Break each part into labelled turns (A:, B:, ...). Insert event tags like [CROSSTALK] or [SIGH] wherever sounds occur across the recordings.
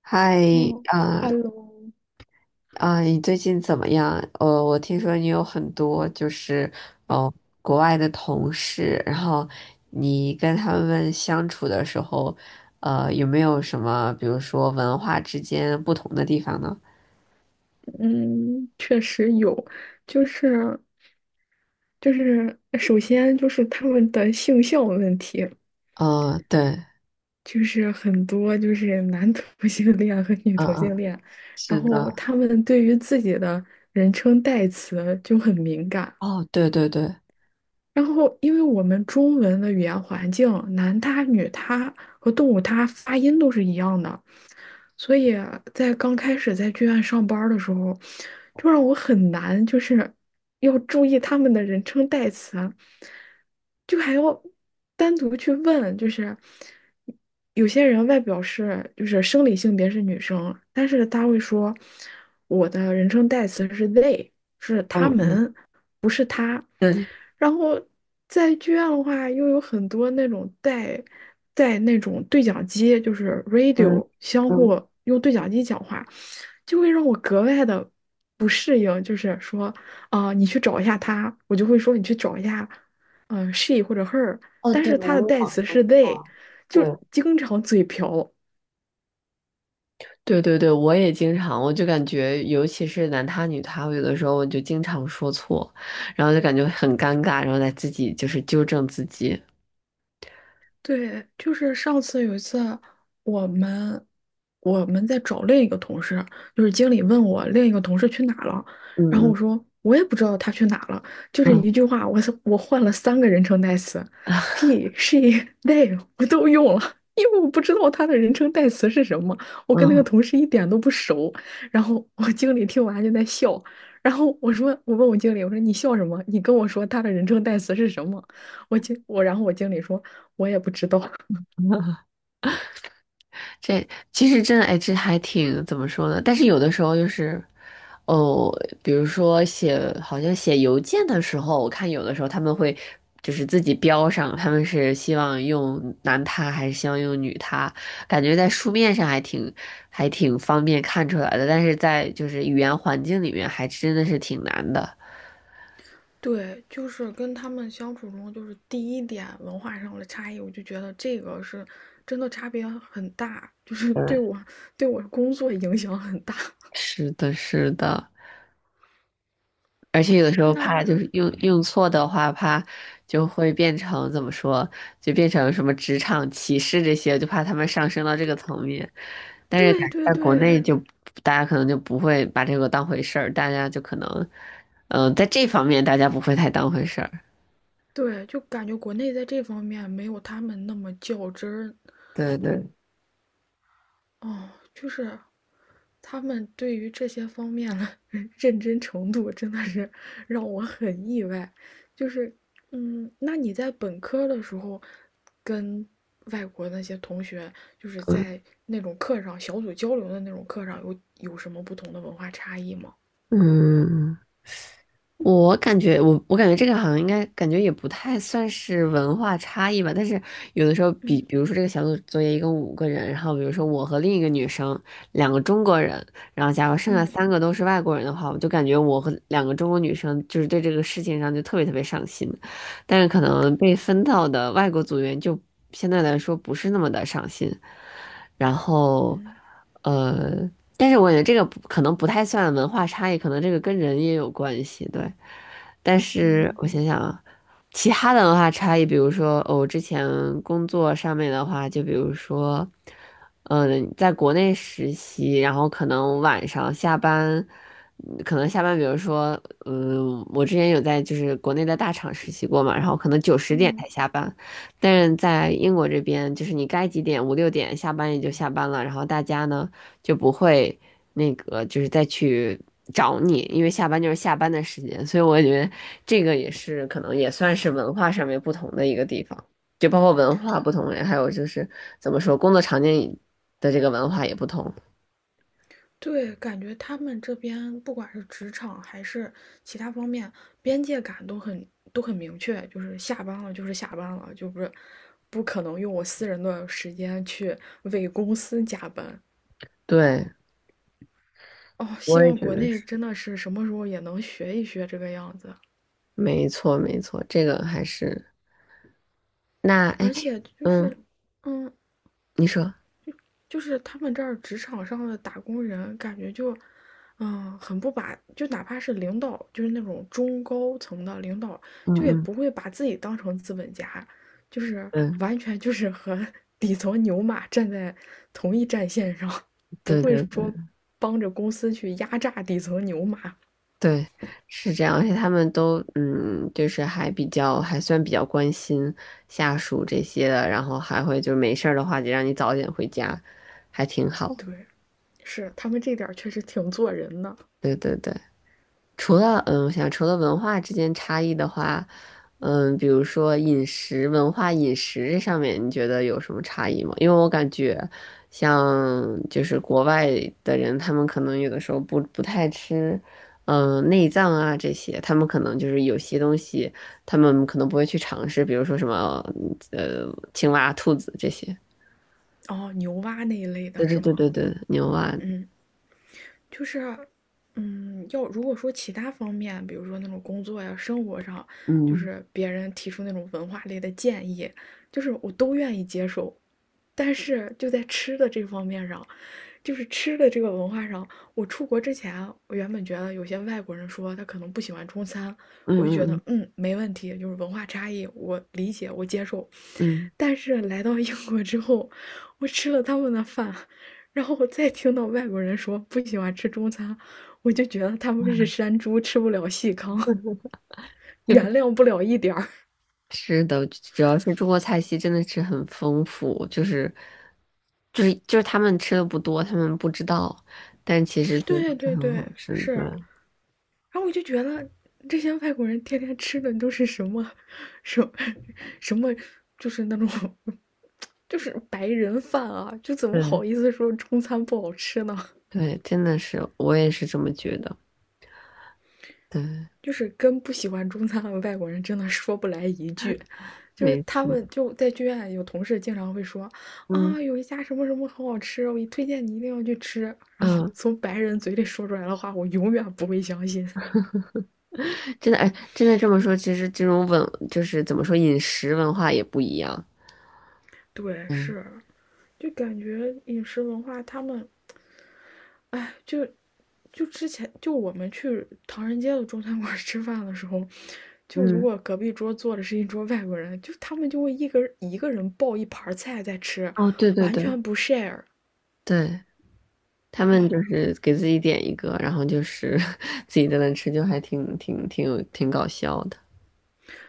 A: 嗨，
B: 哦
A: 啊
B: ，Hello，
A: 啊，你最近怎么样？我听说你有很多就是呃国外的同事，然后你跟他们相处的时候，有没有什么，比如说文化之间不同的地方呢？
B: 嗯，确实有，就是就是首先就是他们的性向问题，
A: 嗯、对，
B: 就是很多就是男同性恋和女
A: 嗯
B: 同性
A: 嗯，
B: 恋，然
A: 是的，
B: 后他们对于自己的人称代词就很敏感，
A: 哦，对对对，
B: 然后，因为我们中文的语言环境，男他、女他和动物他发音都是一样的，所以在刚开始在剧院上班儿的时候，就让我很难，就是要注意他们的人称代词，就还要单独去问，就是有些人外表是就是生理性别是女生，但是他会说我的人称代词是 they，是
A: 嗯
B: 他
A: 嗯，
B: 们。
A: 对，
B: 然后在剧院的话，又有很多那种带那种对讲机，就是
A: 嗯
B: radio 相
A: 嗯，
B: 互用对讲机讲话，就会让我格外的不适应。就是说，啊、你去找一下他，我就会说你去找一下，s h e 或者 her，
A: 哦，
B: 但
A: 对，
B: 是他
A: 我
B: 的
A: 有
B: 代
A: 想
B: 词
A: 说
B: 是 they，
A: 错，
B: 就
A: 对。
B: 经常嘴瓢。
A: 对对对，我也经常，我就感觉，尤其是男他女他，我有的时候我就经常说错，然后就感觉很尴尬，然后再自己就是纠正自己。
B: 对，就是上次有一次，我们我们在找另一个同事，就是经理问我另一个同事去哪了，然后
A: 嗯
B: 我
A: 嗯
B: 说我也不知道他去哪了，就这
A: 嗯
B: 一句话，我换了三个人称代词，he、[LAUGHS] she、they 我都用了，因为我不知道他的人称代词是什么，我跟那个
A: 嗯。
B: 同事一点都不熟，然后我经理听完就在笑，然后我问我经理，我说你笑什么？你跟我说他的人称代词是什么？我经我，然后我经理说，我也不知道。[LAUGHS]
A: 这其实真的，哎，这还挺怎么说呢？但是有的时候就是，哦，比如说写，好像写邮件的时候，我看有的时候他们会就是自己标上，他们是希望用男他还是希望用女他，感觉在书面上还挺方便看出来的，但是在就是语言环境里面还真的是挺难的。
B: 对，就是跟他们相处中，就是第一点文化上的差异，我就觉得这个是真的差别很大，就是 [LAUGHS]
A: 嗯，
B: 对我工作影响很大。
A: 是的，是的。而且有的时候怕就
B: 那
A: 是
B: [LAUGHS]
A: 用错的话，怕就会变成怎么说，就变成什么职场歧视这些，就怕他们上升到这个层面。但是
B: 对
A: 感觉
B: 对
A: 在国内
B: 对
A: 就大家可能就不会把这个当回事儿，大家就可能，在这方面大家不会太当回事儿。
B: 对，就感觉国内在这方面没有他们那么较真儿，
A: 对对，
B: 哦，就是他们对于这些方面的 [LAUGHS] 认真程度，真的是让我很意外。就是，那你在本科的时候，跟外国那些同学，就是
A: 嗯。
B: 在那种课上小组交流的那种课上，有什么不同的文化差异吗？
A: 嗯我感觉这个好像应该感觉也不太算是文化差异吧，但是有的时候比
B: 嗯
A: 比如说这个小组作业一共五个人，然后比如说我和另一个女生，两个中国人，然后假如剩下
B: 嗯
A: 三个都是外国人的话，我就感觉我和两个中国女生就是对这个事情上就特别特别上心，但是可能被分到的外国组员就相对来说不是那么的上心，然后呃。但是我觉得这个不可能不太算文化差异，可能这个跟人也有关系，对。但是
B: 嗯
A: 我想想啊，其他的文化差异，比如说，哦，我之前工作上面的话，就比如说，在国内实习，然后可能晚上下班，可能下班，比如说，我之前有在就是国内的大厂实习过嘛，然后可能9、10点
B: 嗯。
A: 才下班，但是在英国这边，就是你该几点，5、6点下班也就下班了，然后大家呢。就不会那个就是再去找你，因为下班就是下班的时间，所以我觉得这个也是可能也算是文化上面不同的一个地方，就包括文化不同，还有就是怎么说工作场景的这个文化也不同。
B: 对，感觉他们这边不管是职场还是其他方面，边界感都很明确，就是下班了就是下班了，就不是不可能用我私人的时间去为公司加班。
A: 对，
B: 哦，希
A: 我也
B: 望
A: 觉
B: 国
A: 得是，
B: 内真的是什么时候也能学一学这个样子，
A: 没错没错，这个还是那哎
B: 而且就是，
A: 嗯，
B: 嗯，
A: 你说，
B: 就是他们这儿职场上的打工人，感觉就，很不把，就哪怕是领导，就是那种中高层的领导，
A: 嗯
B: 就也
A: 嗯
B: 不会把自己当成资本家，就是
A: 嗯，
B: 完全就是和 [LAUGHS] 底层牛马站在同一战线上，不
A: 对
B: 会
A: 对
B: 说
A: 对。
B: 帮着公司去压榨底层牛马。
A: 对，是这样，而且他们都就是还算比较关心下属这些的，然后还会就是没事儿的话就让你早点回家，还挺好。
B: 对，是他们这点儿确实挺做人的。
A: 对对对，除了我想除了文化之间差异的话，比如说饮食文化、饮食这上面，你觉得有什么差异吗？因为我感觉像就是国外的人，他们可能有的时候不太吃，内脏啊这些，他们可能就是有些东西，他们可能不会去尝试，比如说什么呃青蛙、兔子这些。
B: 哦，牛蛙那一类
A: 对
B: 的是
A: 对对
B: 吗？
A: 对对，牛蛙，
B: 嗯。就是，要如果说其他方面，比如说那种工作呀、生活上，就
A: 嗯
B: 是别人提出那种文化类的建议，就是我都愿意接受。但是就在吃的这方面上，就是吃的这个文化上，我出国之前啊，我原本觉得有些外国人说他可能不喜欢中餐，
A: 嗯
B: 我就觉
A: 嗯
B: 得
A: 嗯
B: 没问题，就是文化差异，我理解，我接受。
A: 嗯。
B: 但是来到英国之后，我吃了他们的饭，然后我再听到外国人说不喜欢吃中餐，我就觉得他们是山猪，吃不了细糠，原谅不了一点儿。
A: 是的，主要是中国菜系真的是很丰富，就是他们吃的不多，他们不知道，但其实
B: [LAUGHS]
A: 就
B: 对
A: 是
B: 对
A: 很好
B: 对，
A: 吃
B: 是。
A: 的。
B: 然后我就觉得这些外国人天天吃的都是什么，什么什么，就是那种，[LAUGHS] 就是白人饭啊，就怎么
A: 对
B: 好意思说中餐不好吃呢？
A: 对，真的是，我也是这么觉得。对，
B: 就是跟不喜欢中餐的外国人真的说不来一句，就是
A: 没
B: 他
A: 错。
B: 们就在剧院有同事经常会说
A: 嗯
B: 啊，有一家什么什么很好吃，我一推荐你一定要去吃。然后
A: 嗯，
B: 从白人嘴里说出来的话，我永远不会相信。
A: 真的哎，真的这么说，其实这种就是怎么说，饮食文化也不一样。
B: [LAUGHS] 对，是，就感觉饮食文化他们哎，就之前就我们去唐人街的中餐馆吃饭的时候，就如
A: 嗯，
B: 果隔壁桌坐的是一桌外国人，就他们就会一个一个人抱一盘菜在吃，
A: 哦，对对
B: 完
A: 对
B: 全不 share。
A: 对，他们就
B: 哦，
A: 是给自己点一个，然后就是 [LAUGHS] 自己在那吃，就还挺搞笑的。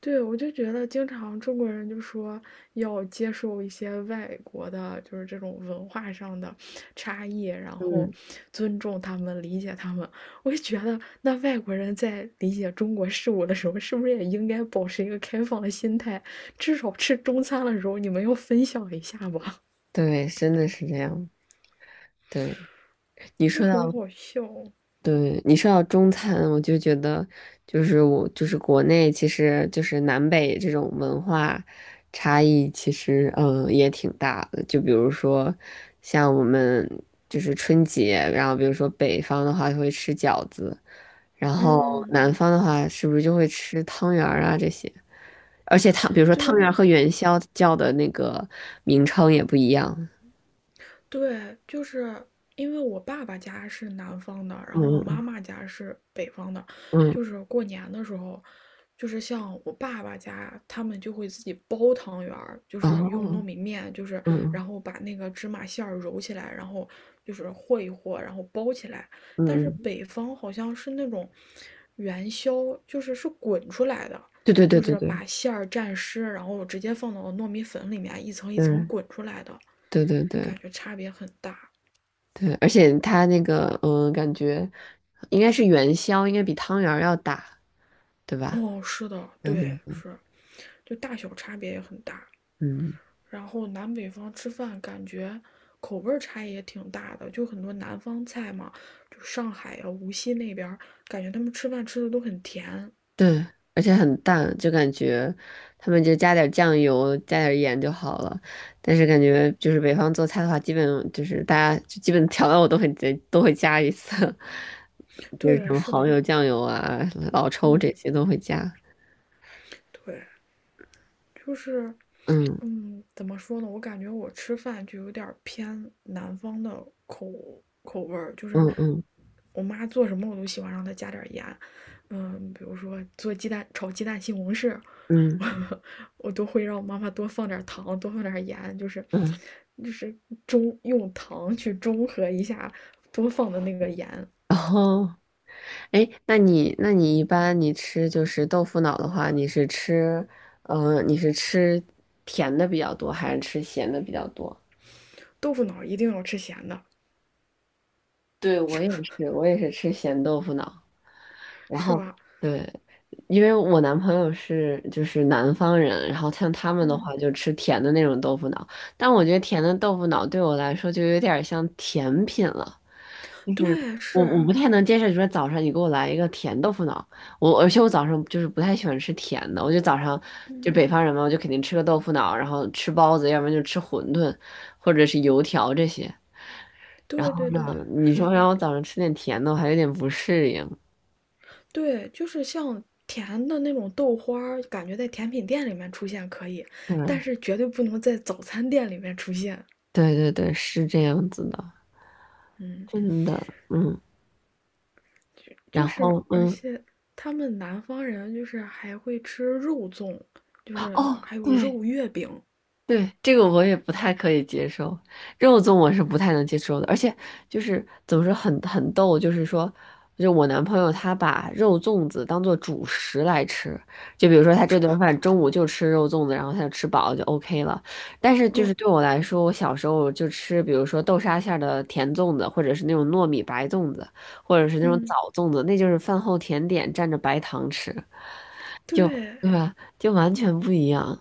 B: 对，我就觉得经常中国人就说要接受一些外国的，就是这种文化上的差异，然后
A: 嗯。
B: 尊重他们、理解他们。我就觉得，那外国人在理解中国事物的时候，是不是也应该保持一个开放的心态？至少吃中餐的时候，你们要分享一下吧，
A: 对，真的是这样。对，
B: [LAUGHS]
A: 你
B: 就
A: 说
B: 很
A: 到，
B: 好笑。
A: 对，你说到中餐，我就觉得，就是我，就是国内，其实就是南北这种文化差异，其实也挺大的。就比如说，像我们就是春节，然后比如说北方的话会吃饺子，然后
B: 嗯，
A: 南方的话是不是就会吃汤圆儿啊这些？而且比如说汤圆儿
B: 对，
A: 和元宵叫的那个名称也不一样。
B: 对，就是因为我爸爸家是南方的，然后我妈
A: 嗯
B: 妈家是北方的，
A: 嗯，
B: 就是过年的时候，就是像我爸爸家，他们就会自己包汤圆儿，就
A: 嗯
B: 是用糯
A: 哦。
B: 米面，就是
A: 嗯
B: 然后把那个芝麻馅儿揉起来，然后就是和一和，然后包起来。但
A: 嗯，
B: 是
A: 嗯，
B: 北方好像是那种元宵，就是是滚出来的。
A: 对对对
B: 就
A: 对
B: 是把
A: 对
B: 馅儿蘸湿，然后直接放到糯米粉里面，一层一层
A: 对
B: 滚出来的。
A: 对对
B: 就
A: 对
B: 感觉差别很大。
A: 对，而且它那个感觉应该是元宵，应该比汤圆儿要大，对吧？
B: 哦，是的，
A: 对
B: 对，
A: 对
B: 是，就大小差别也很大。
A: 嗯，
B: 然后南北方吃饭感觉口味儿差异也挺大的，就很多南方菜嘛，就上海呀、无锡那边儿，感觉他们吃饭吃的都很甜。
A: 对，而且很淡，就感觉他们就加点儿酱油，加点儿盐就好了。但是感觉就是北方做菜的话，基本就是大家就基本调料我都会加一次，[LAUGHS] 就是什
B: 对，
A: 么
B: 是
A: 蚝
B: 的，
A: 油、酱油啊、老抽这
B: 嗯，
A: 些都会加。
B: 对，就是
A: 嗯
B: 怎么说呢？我感觉我吃饭就有点儿偏南方的口味儿，就是
A: 嗯嗯
B: 我妈做什么我都喜欢让她加点儿盐。嗯，比如说做鸡蛋炒鸡蛋西红柿，[LAUGHS]
A: 嗯
B: 我我都会让我妈妈多放点儿糖，多放点儿盐，就是
A: 嗯，
B: 就是中用糖去中和一下多放的那个盐。
A: 然后。哎，那你一般你吃就是豆腐脑的话，你是吃甜的比较多，还是吃咸的比较多？
B: 豆腐脑儿一定要吃咸的，
A: 对，我也是，我也是吃咸豆腐脑。然
B: 是
A: 后
B: 吧？
A: 对，因为我男朋友是就是南方人，然后像他们的
B: 嗯，
A: 话就吃甜的那种豆腐脑，但我觉得甜的豆腐脑对我来说就有点儿像甜品了。
B: 对，
A: 我
B: 是，
A: 不太能接受，你说早上你给我来一个甜豆腐脑，而且我早上就是不太喜欢吃甜的，我就早上就
B: 嗯，
A: 北方人嘛，我就肯定吃个豆腐脑，然后吃包子，要不然就吃馄饨或者是油条这些。然
B: 对
A: 后
B: 对对，
A: 呢，你说
B: 是。
A: 让我早上吃点甜的，我还有点不适应。
B: 对，就是像甜的那种豆花儿，感觉在甜品店里面出现可以，但
A: 对
B: 是绝对不能在早餐店里面出现。
A: 对对对，是这样子的，
B: 嗯，
A: 真的，嗯。
B: 就
A: 然
B: 是
A: 后
B: 而且他们南方人就是还会吃肉粽，就是
A: 哦，
B: 还有
A: 对，
B: 肉月饼。
A: 对，这个我也不太可以接受，肉粽我是不太能接受的，而且就是怎么说很逗，就是说，就我男朋友他把肉粽子当做主食来吃，就比如说他这顿饭中午就吃肉粽子，然后他就吃饱了就 OK 了。但是就是
B: 嗯
A: 对我来说，我小时候就吃，比如说豆沙馅儿的甜粽子，或者是那种糯米白粽子，或者是那种枣
B: 嗯，
A: 粽子，那就是饭后甜点蘸着白糖吃，
B: 对
A: 对吧？就完全不一样。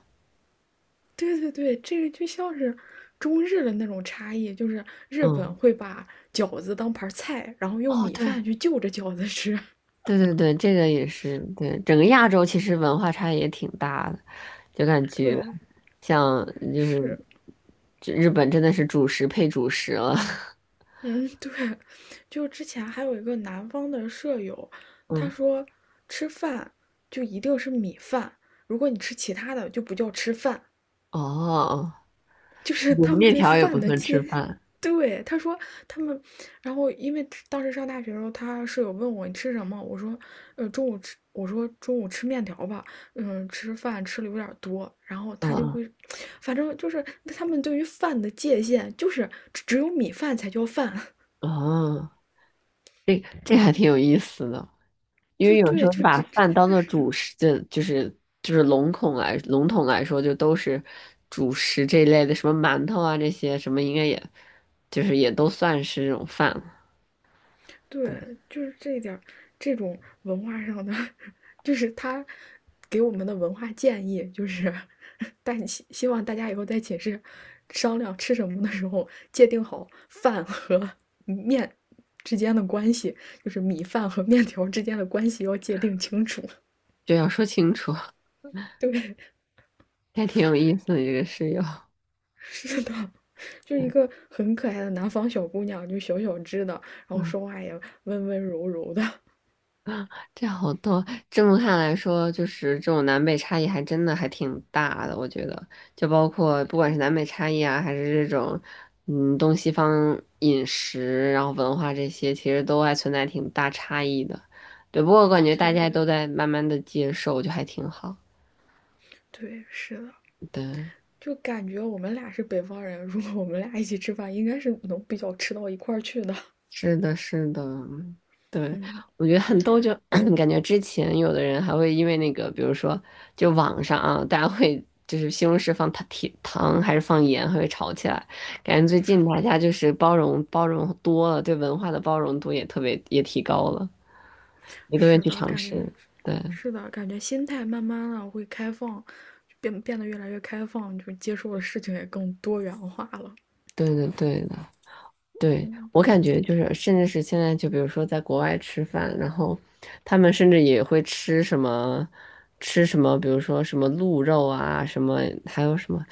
B: 对对对，这个就像是中日的那种差异，就是日本
A: 嗯，
B: 会把饺子当盘儿菜，然后用
A: 哦，
B: 米
A: 对。
B: 饭去就着饺子吃。
A: 对对对，这个也是，对，整个亚洲其实文化差异也挺大的，就感
B: [LAUGHS]
A: 觉
B: 对，
A: 像就是
B: 是。
A: 这日本真的是主食配主食了，
B: 嗯，[LAUGHS] 对，就之前还有一个南方的舍友，
A: [LAUGHS]
B: 他
A: 嗯，
B: 说吃饭就一定是米饭，如果你吃其他的就不叫吃饭，
A: 哦，
B: [LAUGHS] 就是
A: 我们
B: 他们
A: 面
B: 对
A: 条也不
B: 饭的
A: 算吃
B: 界。[LAUGHS]
A: 饭，
B: 对，他说他们，然后因为当时上大学的时候，他舍友问我你吃什么，我说，中午吃，我说中午吃面条吧，嗯，吃饭吃的有点儿多，然后他就
A: 嗯
B: 会，反正就是他们对于饭的界限就是只有米饭才叫饭。
A: 哦，这还挺有意思的，因
B: 就
A: 为有时
B: 对，
A: 候
B: 就
A: 把
B: 这真
A: 饭当
B: 的
A: 做
B: 是，
A: 主食，就是笼统来说，就都是主食这一类的，什么馒头啊这些什么，应该也就是也都算是这种饭了，
B: 对，就是这一点这种文化上的，[LAUGHS] 就是他给我们的文化建议，就是但希望大家以后在寝室商量吃什么的时候，界定好饭和面之间的关系，就是米饭和面条之间的关系要界定清楚。
A: 这要说清楚。
B: 对，[LAUGHS]
A: 还挺有意思的这个室友。
B: 是的。就一个很可爱的南方小姑娘，就小小只的，然后
A: 嗯，
B: 说话也温温柔柔的。
A: 这好多，这么看来说，就是这种南北差异还真的还挺大的，我觉得，就包括不管是南北差异啊，还是这种，东西方饮食，然后文化这些，其实都还存在挺大差异的。对，不过我感觉大
B: 对
A: 家都在慢慢的接受，就还挺好。
B: 对，是的。
A: 对。
B: 就感觉我们俩是北方人，如果我们俩一起吃饭，应该是能比较吃到一块儿去的。[LAUGHS]
A: 是的，是的，对，
B: 嗯，
A: 我觉得很逗就，[CLEARS THROAT] 感觉之前有的人还会因为那个，比如说，就网上啊，大家会就是西红柿放糖甜糖还是放盐，还会吵起来。感觉最近大家就是包容包容多了，对文化的包容度也特别也提高了，也都愿意
B: 是
A: 去
B: 的，
A: 尝
B: 感觉
A: 试。对，
B: 是的，感觉心态慢慢的会开放，变得越来越开放，就接受的事情也更多元化了。
A: 对对对。对，
B: 嗯
A: 我感觉就是，甚至是现在，就比如说在国外吃饭，然后他们甚至也会吃什么，吃什么，比如说什么鹿肉啊，什么还有什么，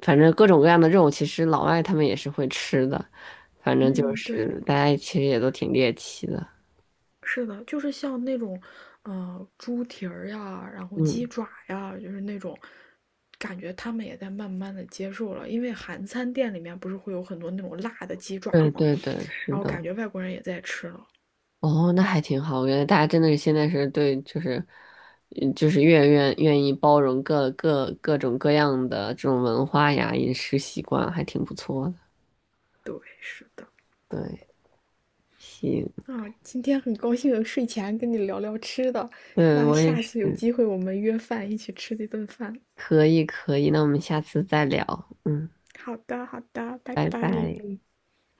A: 反正各种各样的肉，其实老外他们也是会吃的。反正就
B: 嗯，对，
A: 是大家其实也都挺猎奇的。
B: 是的，就是像那种，猪蹄儿呀，然后鸡
A: 嗯，
B: 爪呀，就是那种。感觉他们也在慢慢的接受了，因为韩餐店里面不是会有很多那种辣的鸡爪
A: 对
B: 吗？
A: 对对，
B: 然
A: 是
B: 后感
A: 的。
B: 觉外国人也在吃了，
A: 哦，那还挺好。我觉得大家真的是现在是对，就是，就是越愿意包容各种各样的这种文化呀、饮食习惯，还挺不错的。
B: 对，是的。
A: 对，行，
B: 啊，今天很高兴睡前跟你聊聊吃的，
A: 对，
B: 那
A: 我也
B: 下
A: 是，
B: 次有机会我们约饭一起吃一顿饭。
A: 可以可以。那我们下次再聊，嗯，
B: 好的，好的，拜
A: 拜
B: 拜。
A: 拜。